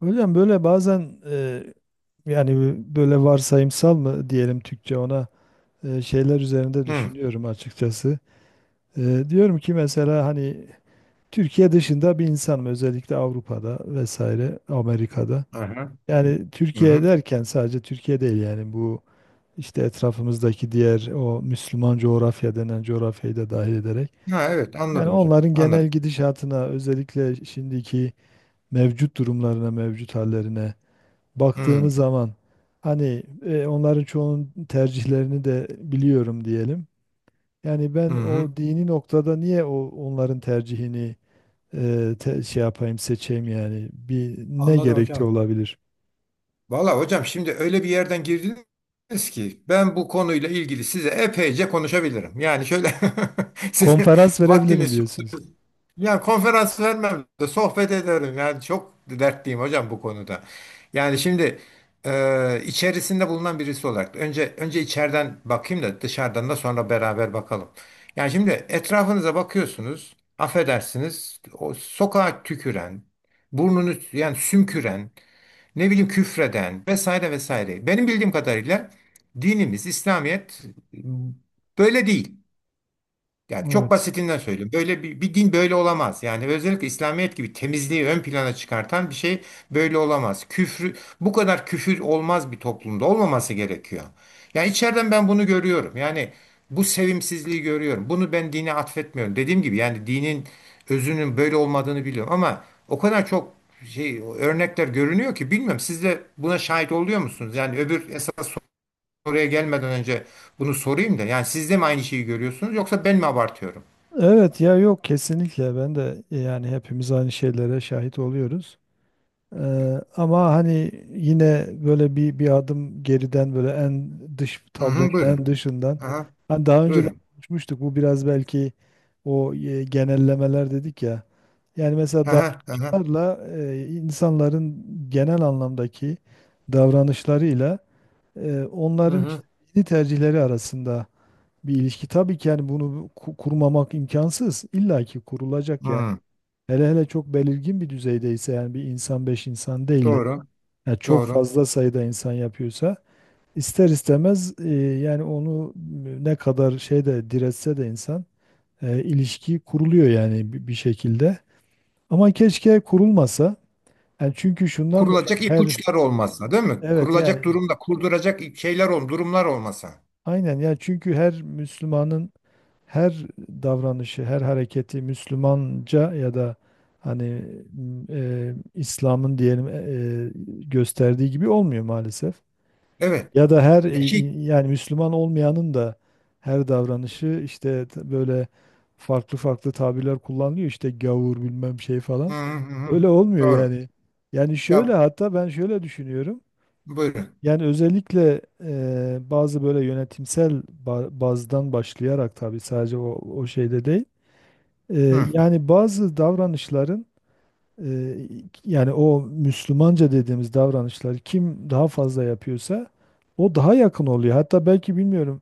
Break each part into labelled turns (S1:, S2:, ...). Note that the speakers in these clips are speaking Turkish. S1: Hocam böyle bazen yani böyle varsayımsal mı diyelim Türkçe ona şeyler üzerinde
S2: Hı.
S1: düşünüyorum açıkçası. Diyorum ki mesela hani Türkiye dışında bir insanım, özellikle Avrupa'da vesaire Amerika'da.
S2: Aha.
S1: Yani
S2: Hı hı.
S1: Türkiye derken sadece Türkiye değil, yani bu işte etrafımızdaki diğer o Müslüman coğrafya denen coğrafyayı da dahil ederek.
S2: Ha evet
S1: Yani
S2: anladım hocam.
S1: onların genel
S2: Anladım.
S1: gidişatına, özellikle şimdiki mevcut durumlarına, mevcut hallerine
S2: Hı.
S1: baktığımız zaman hani onların çoğunun tercihlerini de biliyorum diyelim. Yani
S2: Hı
S1: ben
S2: hı.
S1: o dini noktada niye o onların tercihini şey yapayım, seçeyim, yani bir ne
S2: Anladım
S1: gerekçe
S2: hocam.
S1: olabilir?
S2: Valla hocam şimdi öyle bir yerden girdiniz ki ben bu konuyla ilgili size epeyce konuşabilirim. Yani şöyle sizin
S1: Konferans verebilirim
S2: vaktiniz.
S1: diyorsunuz.
S2: Ya konferans vermem de sohbet ederim. Yani çok dertliyim hocam bu konuda. Yani şimdi içerisinde bulunan birisi olarak önce içeriden bakayım da dışarıdan da sonra beraber bakalım. Yani şimdi etrafınıza bakıyorsunuz. Affedersiniz. O sokağa tüküren, burnunu yani sümküren, ne bileyim küfreden vesaire vesaire. Benim bildiğim kadarıyla dinimiz İslamiyet böyle değil. Yani çok
S1: Evet.
S2: basitinden söylüyorum. Böyle bir din böyle olamaz. Yani özellikle İslamiyet gibi temizliği ön plana çıkartan bir şey böyle olamaz. Küfrü, bu kadar küfür olmaz, bir toplumda olmaması gerekiyor. Yani içeriden ben bunu görüyorum. Yani bu sevimsizliği görüyorum. Bunu ben dine atfetmiyorum. Dediğim gibi yani dinin özünün böyle olmadığını biliyorum ama o kadar çok örnekler görünüyor ki bilmiyorum. Siz de buna şahit oluyor musunuz? Yani öbür esas oraya gelmeden önce bunu sorayım da. Yani siz de mi aynı şeyi görüyorsunuz yoksa ben mi abartıyorum?
S1: Evet ya, yok, kesinlikle ben de yani hepimiz aynı şeylere şahit oluyoruz. Ama hani yine böyle bir adım geriden, böyle en dış
S2: Hı
S1: tablonun
S2: hı, buyurun.
S1: en dışından.
S2: Aha,
S1: Hani daha önce de
S2: buyurun.
S1: konuşmuştuk. Bu biraz belki o genellemeler dedik ya. Yani mesela
S2: Aha, aha.
S1: davranışlarla, insanların genel anlamdaki davranışlarıyla
S2: Hı
S1: onların
S2: hı.
S1: işte dini tercihleri arasında bir ilişki. Tabii ki yani bunu kurmamak imkansız. İlla ki kurulacak yani.
S2: Hı,
S1: Hele hele çok belirgin bir düzeydeyse, yani bir insan, beş insan değil de
S2: doğru,
S1: yani çok
S2: doğru.
S1: fazla sayıda insan yapıyorsa, ister istemez yani onu ne kadar şeyde diretse de insan ilişki kuruluyor yani bir şekilde. Ama keşke kurulmasa. Yani çünkü şundan dolayı
S2: Kurulacak
S1: her
S2: ipuçları olmasa, değil mi?
S1: evet,
S2: Kurulacak
S1: yani
S2: durumda kurduracak şeyler durumlar olmasa.
S1: aynen, yani çünkü her Müslümanın her davranışı, her hareketi Müslümanca ya da hani İslam'ın diyelim gösterdiği gibi olmuyor maalesef.
S2: Evet.
S1: Ya da her
S2: Ya
S1: yani Müslüman olmayanın da her davranışı işte böyle farklı farklı tabirler kullanılıyor işte gavur bilmem şey
S2: hı
S1: falan.
S2: hı, hı hı.
S1: Öyle olmuyor
S2: Doğru.
S1: yani. Yani
S2: Ya
S1: şöyle, hatta ben şöyle düşünüyorum.
S2: buyurun.
S1: Yani özellikle bazı böyle yönetimsel bazdan başlayarak, tabii sadece o şeyde değil. E,
S2: Hı,
S1: Yani bazı davranışların, ee, yani o Müslümanca dediğimiz davranışları kim daha fazla yapıyorsa o daha yakın oluyor. Hatta belki bilmiyorum,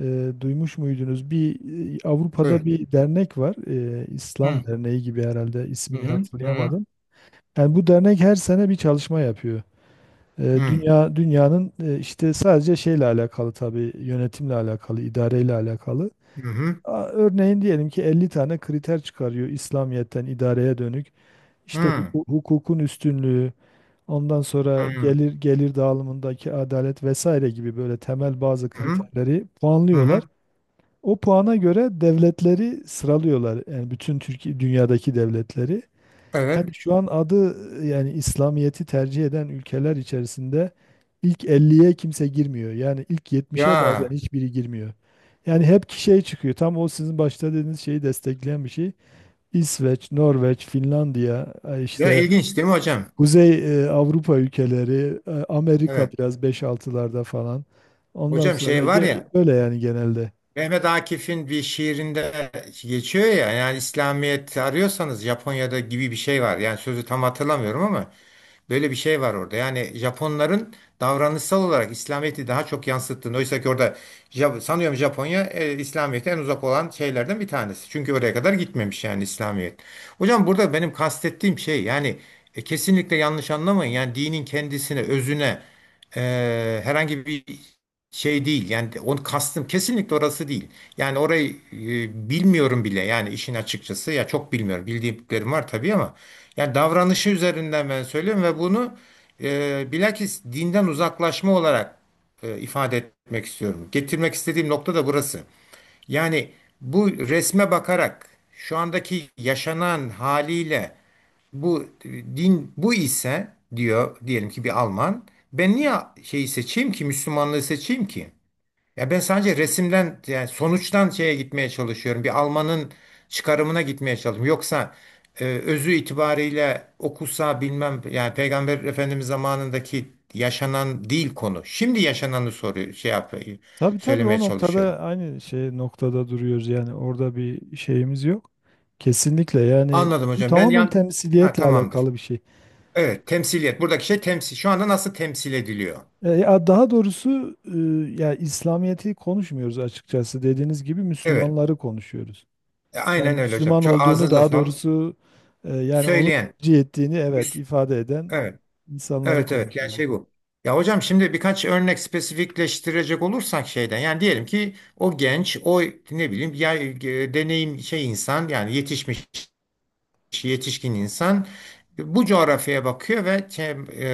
S1: duymuş muydunuz bir Avrupa'da
S2: buyurun.
S1: bir dernek var.
S2: Hı
S1: İslam Derneği gibi, herhalde
S2: hı
S1: ismini
S2: hı hı
S1: hatırlayamadım. Yani bu dernek her sene bir çalışma yapıyor.
S2: hı hı
S1: Dünyanın işte sadece şeyle alakalı, tabii yönetimle alakalı, idareyle alakalı.
S2: hı
S1: Örneğin diyelim ki 50 tane kriter çıkarıyor İslamiyet'ten idareye dönük. İşte
S2: hı
S1: hukukun üstünlüğü, ondan sonra gelir dağılımındaki adalet vesaire gibi böyle temel bazı
S2: hı
S1: kriterleri
S2: hı
S1: puanlıyorlar.
S2: hı.
S1: O puana göre devletleri sıralıyorlar. Yani bütün Türkiye dünyadaki devletleri. Yani
S2: Evet.
S1: şu an adı, yani İslamiyet'i tercih eden ülkeler içerisinde ilk elliye kimse girmiyor. Yani ilk 70'e bazen
S2: Ya,
S1: hiçbiri girmiyor. Yani hep ki şey çıkıyor. Tam o sizin başta dediğiniz şeyi destekleyen bir şey. İsveç, Norveç, Finlandiya,
S2: ya,
S1: işte
S2: ilginç değil mi hocam?
S1: Kuzey Avrupa ülkeleri, Amerika
S2: Evet.
S1: biraz beş altılarda falan. Ondan
S2: Hocam
S1: sonra
S2: şey var ya,
S1: böyle, yani genelde.
S2: Mehmet Akif'in bir şiirinde geçiyor ya, yani İslamiyet arıyorsanız Japonya'da gibi bir şey var. Yani sözü tam hatırlamıyorum ama böyle bir şey var orada. Yani Japonların davranışsal olarak İslamiyet'i daha çok yansıttığını. Oysa ki orada sanıyorum Japonya İslamiyet'e en uzak olan şeylerden bir tanesi. Çünkü oraya kadar gitmemiş yani İslamiyet. Hocam burada benim kastettiğim şey yani kesinlikle yanlış anlamayın. Yani dinin kendisine, özüne herhangi bir şey değil. Yani onu kastım kesinlikle orası değil. Yani orayı bilmiyorum bile. Yani işin açıkçası ya çok bilmiyorum. Bildiğim var tabii ama yani davranışı üzerinden ben söylüyorum ve bunu bilakis dinden uzaklaşma olarak ifade etmek istiyorum. Getirmek istediğim nokta da burası. Yani bu resme bakarak şu andaki yaşanan haliyle bu din bu ise, diyor diyelim ki bir Alman, ben niye şeyi seçeyim ki Müslümanlığı seçeyim ki? Ya ben sadece resimden yani sonuçtan şeye gitmeye çalışıyorum. Bir Alman'ın çıkarımına gitmeye çalışıyorum. Yoksa özü itibariyle okusa bilmem, yani Peygamber Efendimiz zamanındaki yaşanan değil konu. Şimdi yaşananı soruyor, şey yap
S1: Tabii tabii,
S2: söylemeye
S1: o
S2: çalışıyorum.
S1: noktada aynı şey noktada duruyoruz yani, orada bir şeyimiz yok. Kesinlikle, yani
S2: Anladım
S1: bu
S2: hocam. Ben
S1: tamamen
S2: yan... Ha,
S1: temsiliyetle
S2: tamamdır.
S1: alakalı bir şey.
S2: Evet, temsiliyet. Buradaki şey temsil. Şu anda nasıl temsil ediliyor?
S1: Ya daha doğrusu, ya İslamiyet'i konuşmuyoruz açıkçası. Dediğiniz gibi
S2: Evet.
S1: Müslümanları konuşuyoruz. Yani
S2: Aynen öyle hocam.
S1: Müslüman
S2: Çok
S1: olduğunu,
S2: ağzınıza
S1: daha
S2: sağlık.
S1: doğrusu yani onu
S2: Söyleyen.
S1: tercih ettiğini evet
S2: Müs-
S1: ifade eden
S2: Evet.
S1: insanları
S2: Evet evet. Yani
S1: konuşuyoruz.
S2: şey bu. Ya hocam şimdi birkaç örnek spesifikleştirecek olursak şeyden, yani diyelim ki o genç, o ne bileyim ya, deneyim insan, yani yetişmiş yetişkin insan bu coğrafyaya bakıyor ve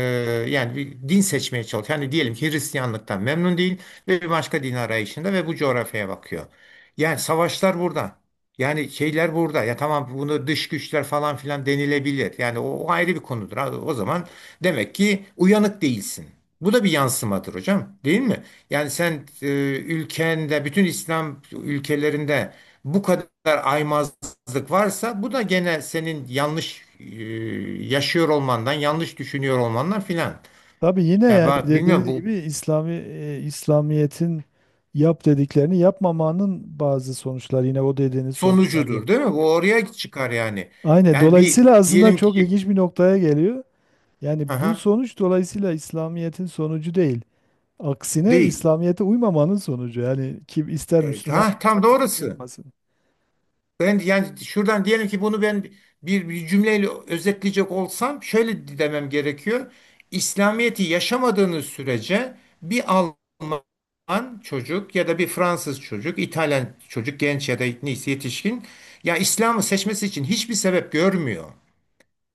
S2: yani bir din seçmeye çalışıyor. Yani diyelim ki Hristiyanlıktan memnun değil ve bir başka din arayışında ve bu coğrafyaya bakıyor. Yani savaşlar burada. Yani şeyler burada. Ya tamam, bunu dış güçler falan filan denilebilir. Yani o ayrı bir konudur. Ha, o zaman demek ki uyanık değilsin. Bu da bir yansımadır hocam, değil mi? Yani sen ülkende, bütün İslam ülkelerinde bu kadar aymaz zık varsa bu da gene senin yanlış yaşıyor olmandan, yanlış düşünüyor olmandan filan.
S1: Tabii, yine
S2: Ya
S1: yani
S2: ben bilmiyorum,
S1: dediğiniz
S2: bu
S1: gibi İslamiyet'in yap dediklerini yapmamanın bazı sonuçlar, yine o dediğiniz sonuçlar yine.
S2: sonucudur değil mi? Bu oraya çıkar yani.
S1: Aynen.
S2: Yani bir
S1: Dolayısıyla aslında
S2: diyelim
S1: çok
S2: ki,
S1: ilginç bir noktaya geliyor. Yani bu
S2: aha,
S1: sonuç dolayısıyla İslamiyet'in sonucu değil. Aksine
S2: değil.
S1: İslamiyet'e uymamanın sonucu. Yani kim ister Müslüman,
S2: Ha, tam
S1: ister
S2: doğrusu.
S1: yapmasın.
S2: Ben yani şuradan diyelim ki, bunu ben bir cümleyle özetleyecek olsam şöyle demem gerekiyor. İslamiyet'i yaşamadığınız sürece bir Alman çocuk ya da bir Fransız çocuk, İtalyan çocuk, genç ya da neyse yetişkin, ya İslam'ı seçmesi için hiçbir sebep görmüyor.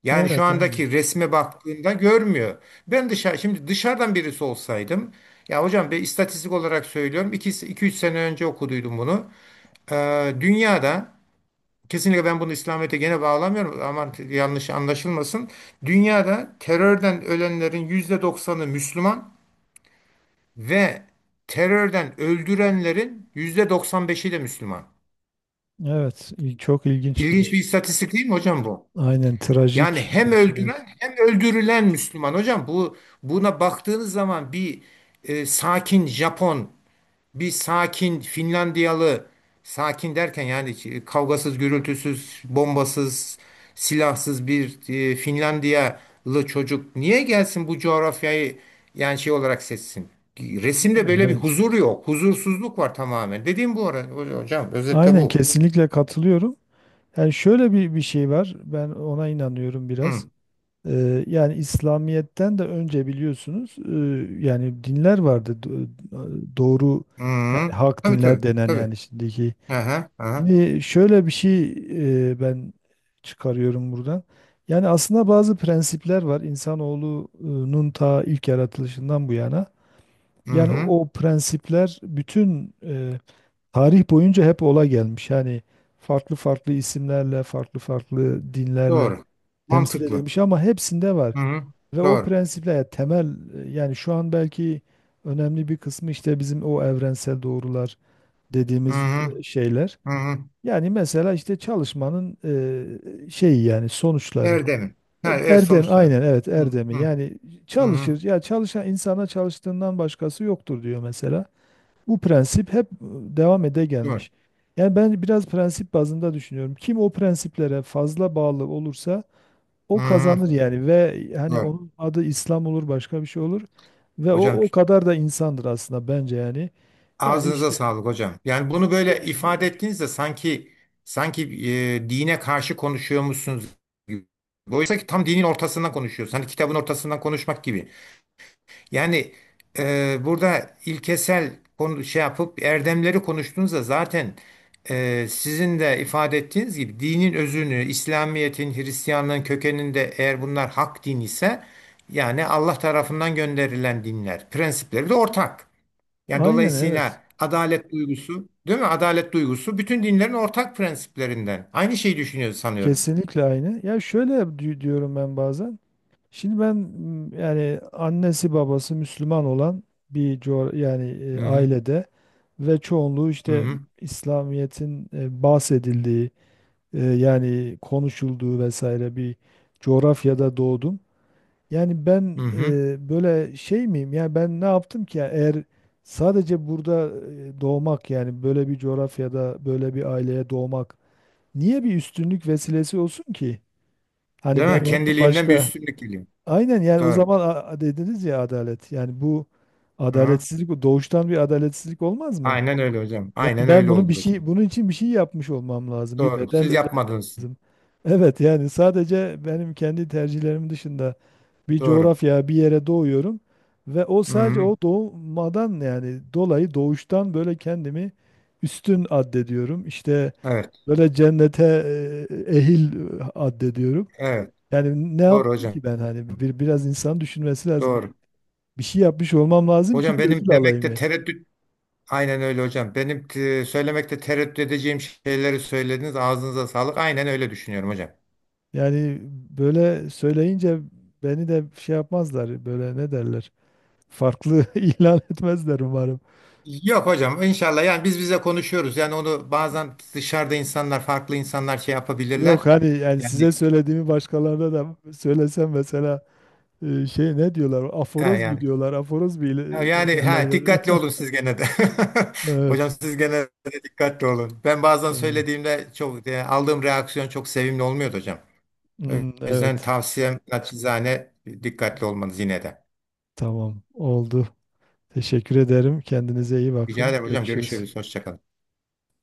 S2: Yani şu
S1: Evet, aynen.
S2: andaki resme baktığında görmüyor. Ben şimdi dışarıdan birisi olsaydım. Ya hocam, bir istatistik olarak söylüyorum, 2-3 sene önce okuduydum bunu. Ee, dünyada Kesinlikle ben bunu İslamiyet'e gene bağlamıyorum, ama yanlış anlaşılmasın. Dünyada terörden ölenlerin %90'ı Müslüman ve terörden öldürenlerin %95'i de Müslüman.
S1: Evet, çok ilginç bir şey.
S2: İlginç bir istatistik değil mi hocam bu?
S1: Aynen,
S2: Yani
S1: trajik
S2: hem
S1: bir şey. Evet.
S2: öldüren hem öldürülen Müslüman. Hocam buna baktığınız zaman bir sakin Japon, bir sakin Finlandiyalı, sakin derken yani kavgasız, gürültüsüz, bombasız, silahsız bir Finlandiyalı çocuk niye gelsin bu coğrafyayı, yani şey olarak seçsin? Resimde
S1: Aynen,
S2: böyle bir
S1: evet.
S2: huzur yok. Huzursuzluk var tamamen. Dediğim bu ara hocam, özette
S1: Aynen,
S2: bu.
S1: kesinlikle katılıyorum. Yani şöyle bir şey var. Ben ona inanıyorum biraz.
S2: Hı.
S1: Yani İslamiyet'ten de önce biliyorsunuz, yani dinler vardı. Doğru,
S2: Hı.
S1: yani hak
S2: Tabii
S1: dinler
S2: tabii.
S1: denen,
S2: Tabii.
S1: yani şimdiki.
S2: Aha, aha.
S1: Şimdi şöyle bir şey ben çıkarıyorum buradan. Yani aslında bazı prensipler var. İnsanoğlunun ta ilk yaratılışından bu yana.
S2: Hı
S1: Yani
S2: hı.
S1: o prensipler bütün tarih boyunca hep ola gelmiş. Yani farklı farklı isimlerle, farklı farklı dinlerle
S2: Doğru.
S1: temsil
S2: Mantıklı.
S1: edilmiş ama hepsinde var.
S2: Hı hı.
S1: Ve o
S2: Doğru.
S1: prensipler, yani temel yani şu an belki önemli bir kısmı işte bizim o evrensel doğrular
S2: Hı
S1: dediğimiz
S2: hı.
S1: şeyler.
S2: Hı hı.
S1: Yani mesela işte çalışmanın şeyi, yani sonuçları.
S2: Erdem'in. Ha, evet,
S1: Erdem
S2: sonuçları.
S1: aynen, evet,
S2: Hı
S1: erdemi,
S2: hı.
S1: yani
S2: Hı hı,
S1: çalışır ya, çalışan insana çalıştığından başkası yoktur diyor mesela. Bu prensip hep devam ede
S2: doğru.
S1: gelmiş. Yani ben biraz prensip bazında düşünüyorum. Kim o prensiplere fazla bağlı olursa
S2: Hı
S1: o
S2: hı,
S1: kazanır yani, ve hani
S2: doğru.
S1: onun adı İslam olur, başka bir şey olur ve o
S2: Hocam
S1: o kadar da insandır aslında bence yani. Yani
S2: ağzınıza
S1: işte
S2: sağlık hocam. Yani bunu böyle
S1: çok şey-
S2: ifade ettiğinizde sanki, sanki dine karşı konuşuyormuşsunuz gibi. Oysa ki tam dinin ortasından konuşuyoruz. Hani kitabın ortasından konuşmak gibi. Yani burada ilkesel konu, şey yapıp erdemleri konuştuğunuzda zaten sizin de ifade ettiğiniz gibi dinin özünü, İslamiyet'in, Hristiyanlığın kökeninde, eğer bunlar hak din ise yani Allah tarafından gönderilen dinler, prensipleri de ortak. Yani
S1: aynen, evet.
S2: dolayısıyla adalet duygusu, değil mi? Adalet duygusu bütün dinlerin ortak prensiplerinden. Aynı şeyi düşünüyoruz sanıyorum.
S1: Kesinlikle aynı. Ya şöyle diyorum ben bazen. Şimdi ben yani annesi babası Müslüman olan bir yani
S2: Hı hı.
S1: ailede ve çoğunluğu
S2: Hı
S1: işte
S2: hı.
S1: İslamiyet'in bahsedildiği, yani konuşulduğu vesaire bir coğrafyada doğdum. Yani
S2: Hı
S1: ben
S2: hı.
S1: böyle şey miyim? Yani ben ne yaptım ki? Yani eğer sadece burada doğmak, yani böyle bir coğrafyada böyle bir aileye doğmak niye bir üstünlük vesilesi olsun ki?
S2: Değil
S1: Hani ben
S2: mi?
S1: onun
S2: Kendiliğinden bir
S1: başka
S2: üstünlük geliyor.
S1: aynen, yani o
S2: Doğru.
S1: zaman dediniz ya adalet. Yani bu
S2: Hı hı.
S1: adaletsizlik, bu doğuştan bir adaletsizlik olmaz mı?
S2: Aynen öyle hocam.
S1: Yani
S2: Aynen
S1: ben
S2: öyle
S1: bunu bir
S2: olur hocam.
S1: şey, bunun için bir şey yapmış olmam lazım. Bir
S2: Doğru.
S1: bedel
S2: Siz
S1: ödemem
S2: yapmadınız.
S1: lazım. Evet, yani sadece benim kendi tercihlerim dışında bir
S2: Doğru.
S1: coğrafya, bir yere doğuyorum ve o sadece
S2: Hı,
S1: o doğmadan yani dolayı doğuştan böyle kendimi üstün addediyorum. İşte
S2: evet.
S1: böyle cennete ehil addediyorum.
S2: Evet.
S1: Yani ne
S2: Doğru
S1: yaptım
S2: hocam.
S1: ki ben, hani bir, biraz insan düşünmesi lazım. Yani
S2: Doğru.
S1: bir şey yapmış olmam lazım ki
S2: Hocam
S1: bir
S2: benim
S1: ödül alayım
S2: demekte
S1: ben.
S2: tereddüt. Aynen öyle hocam. Benim söylemekte tereddüt edeceğim şeyleri söylediniz. Ağzınıza sağlık. Aynen öyle düşünüyorum hocam.
S1: Yani böyle söyleyince beni de şey yapmazlar böyle, ne derler. Farklı ilan etmezler umarım.
S2: Yok hocam, inşallah yani biz bize konuşuyoruz. Yani onu bazen dışarıda farklı insanlar şey
S1: Yok,
S2: yapabilirler.
S1: hani yani
S2: Yani
S1: size söylediğimi başkalarına da söylesem mesela, şey ne diyorlar?
S2: e,
S1: Aforoz mu
S2: yani
S1: diyorlar? Aforoz mu
S2: Ha, Yani
S1: ederler
S2: ha, dikkatli
S1: beni?
S2: olun siz gene de. Hocam
S1: Evet.
S2: siz gene de dikkatli olun. Ben bazen
S1: Tamam.
S2: söylediğimde, çok yani aldığım reaksiyon çok sevimli olmuyordu hocam. O
S1: Hmm,
S2: yüzden
S1: evet.
S2: tavsiyem naçizane dikkatli olmanız yine de.
S1: Tamam. Oldu. Teşekkür ederim. Kendinize iyi
S2: Rica
S1: bakın.
S2: ederim hocam.
S1: Görüşürüz.
S2: Görüşürüz. Hoşça kalın.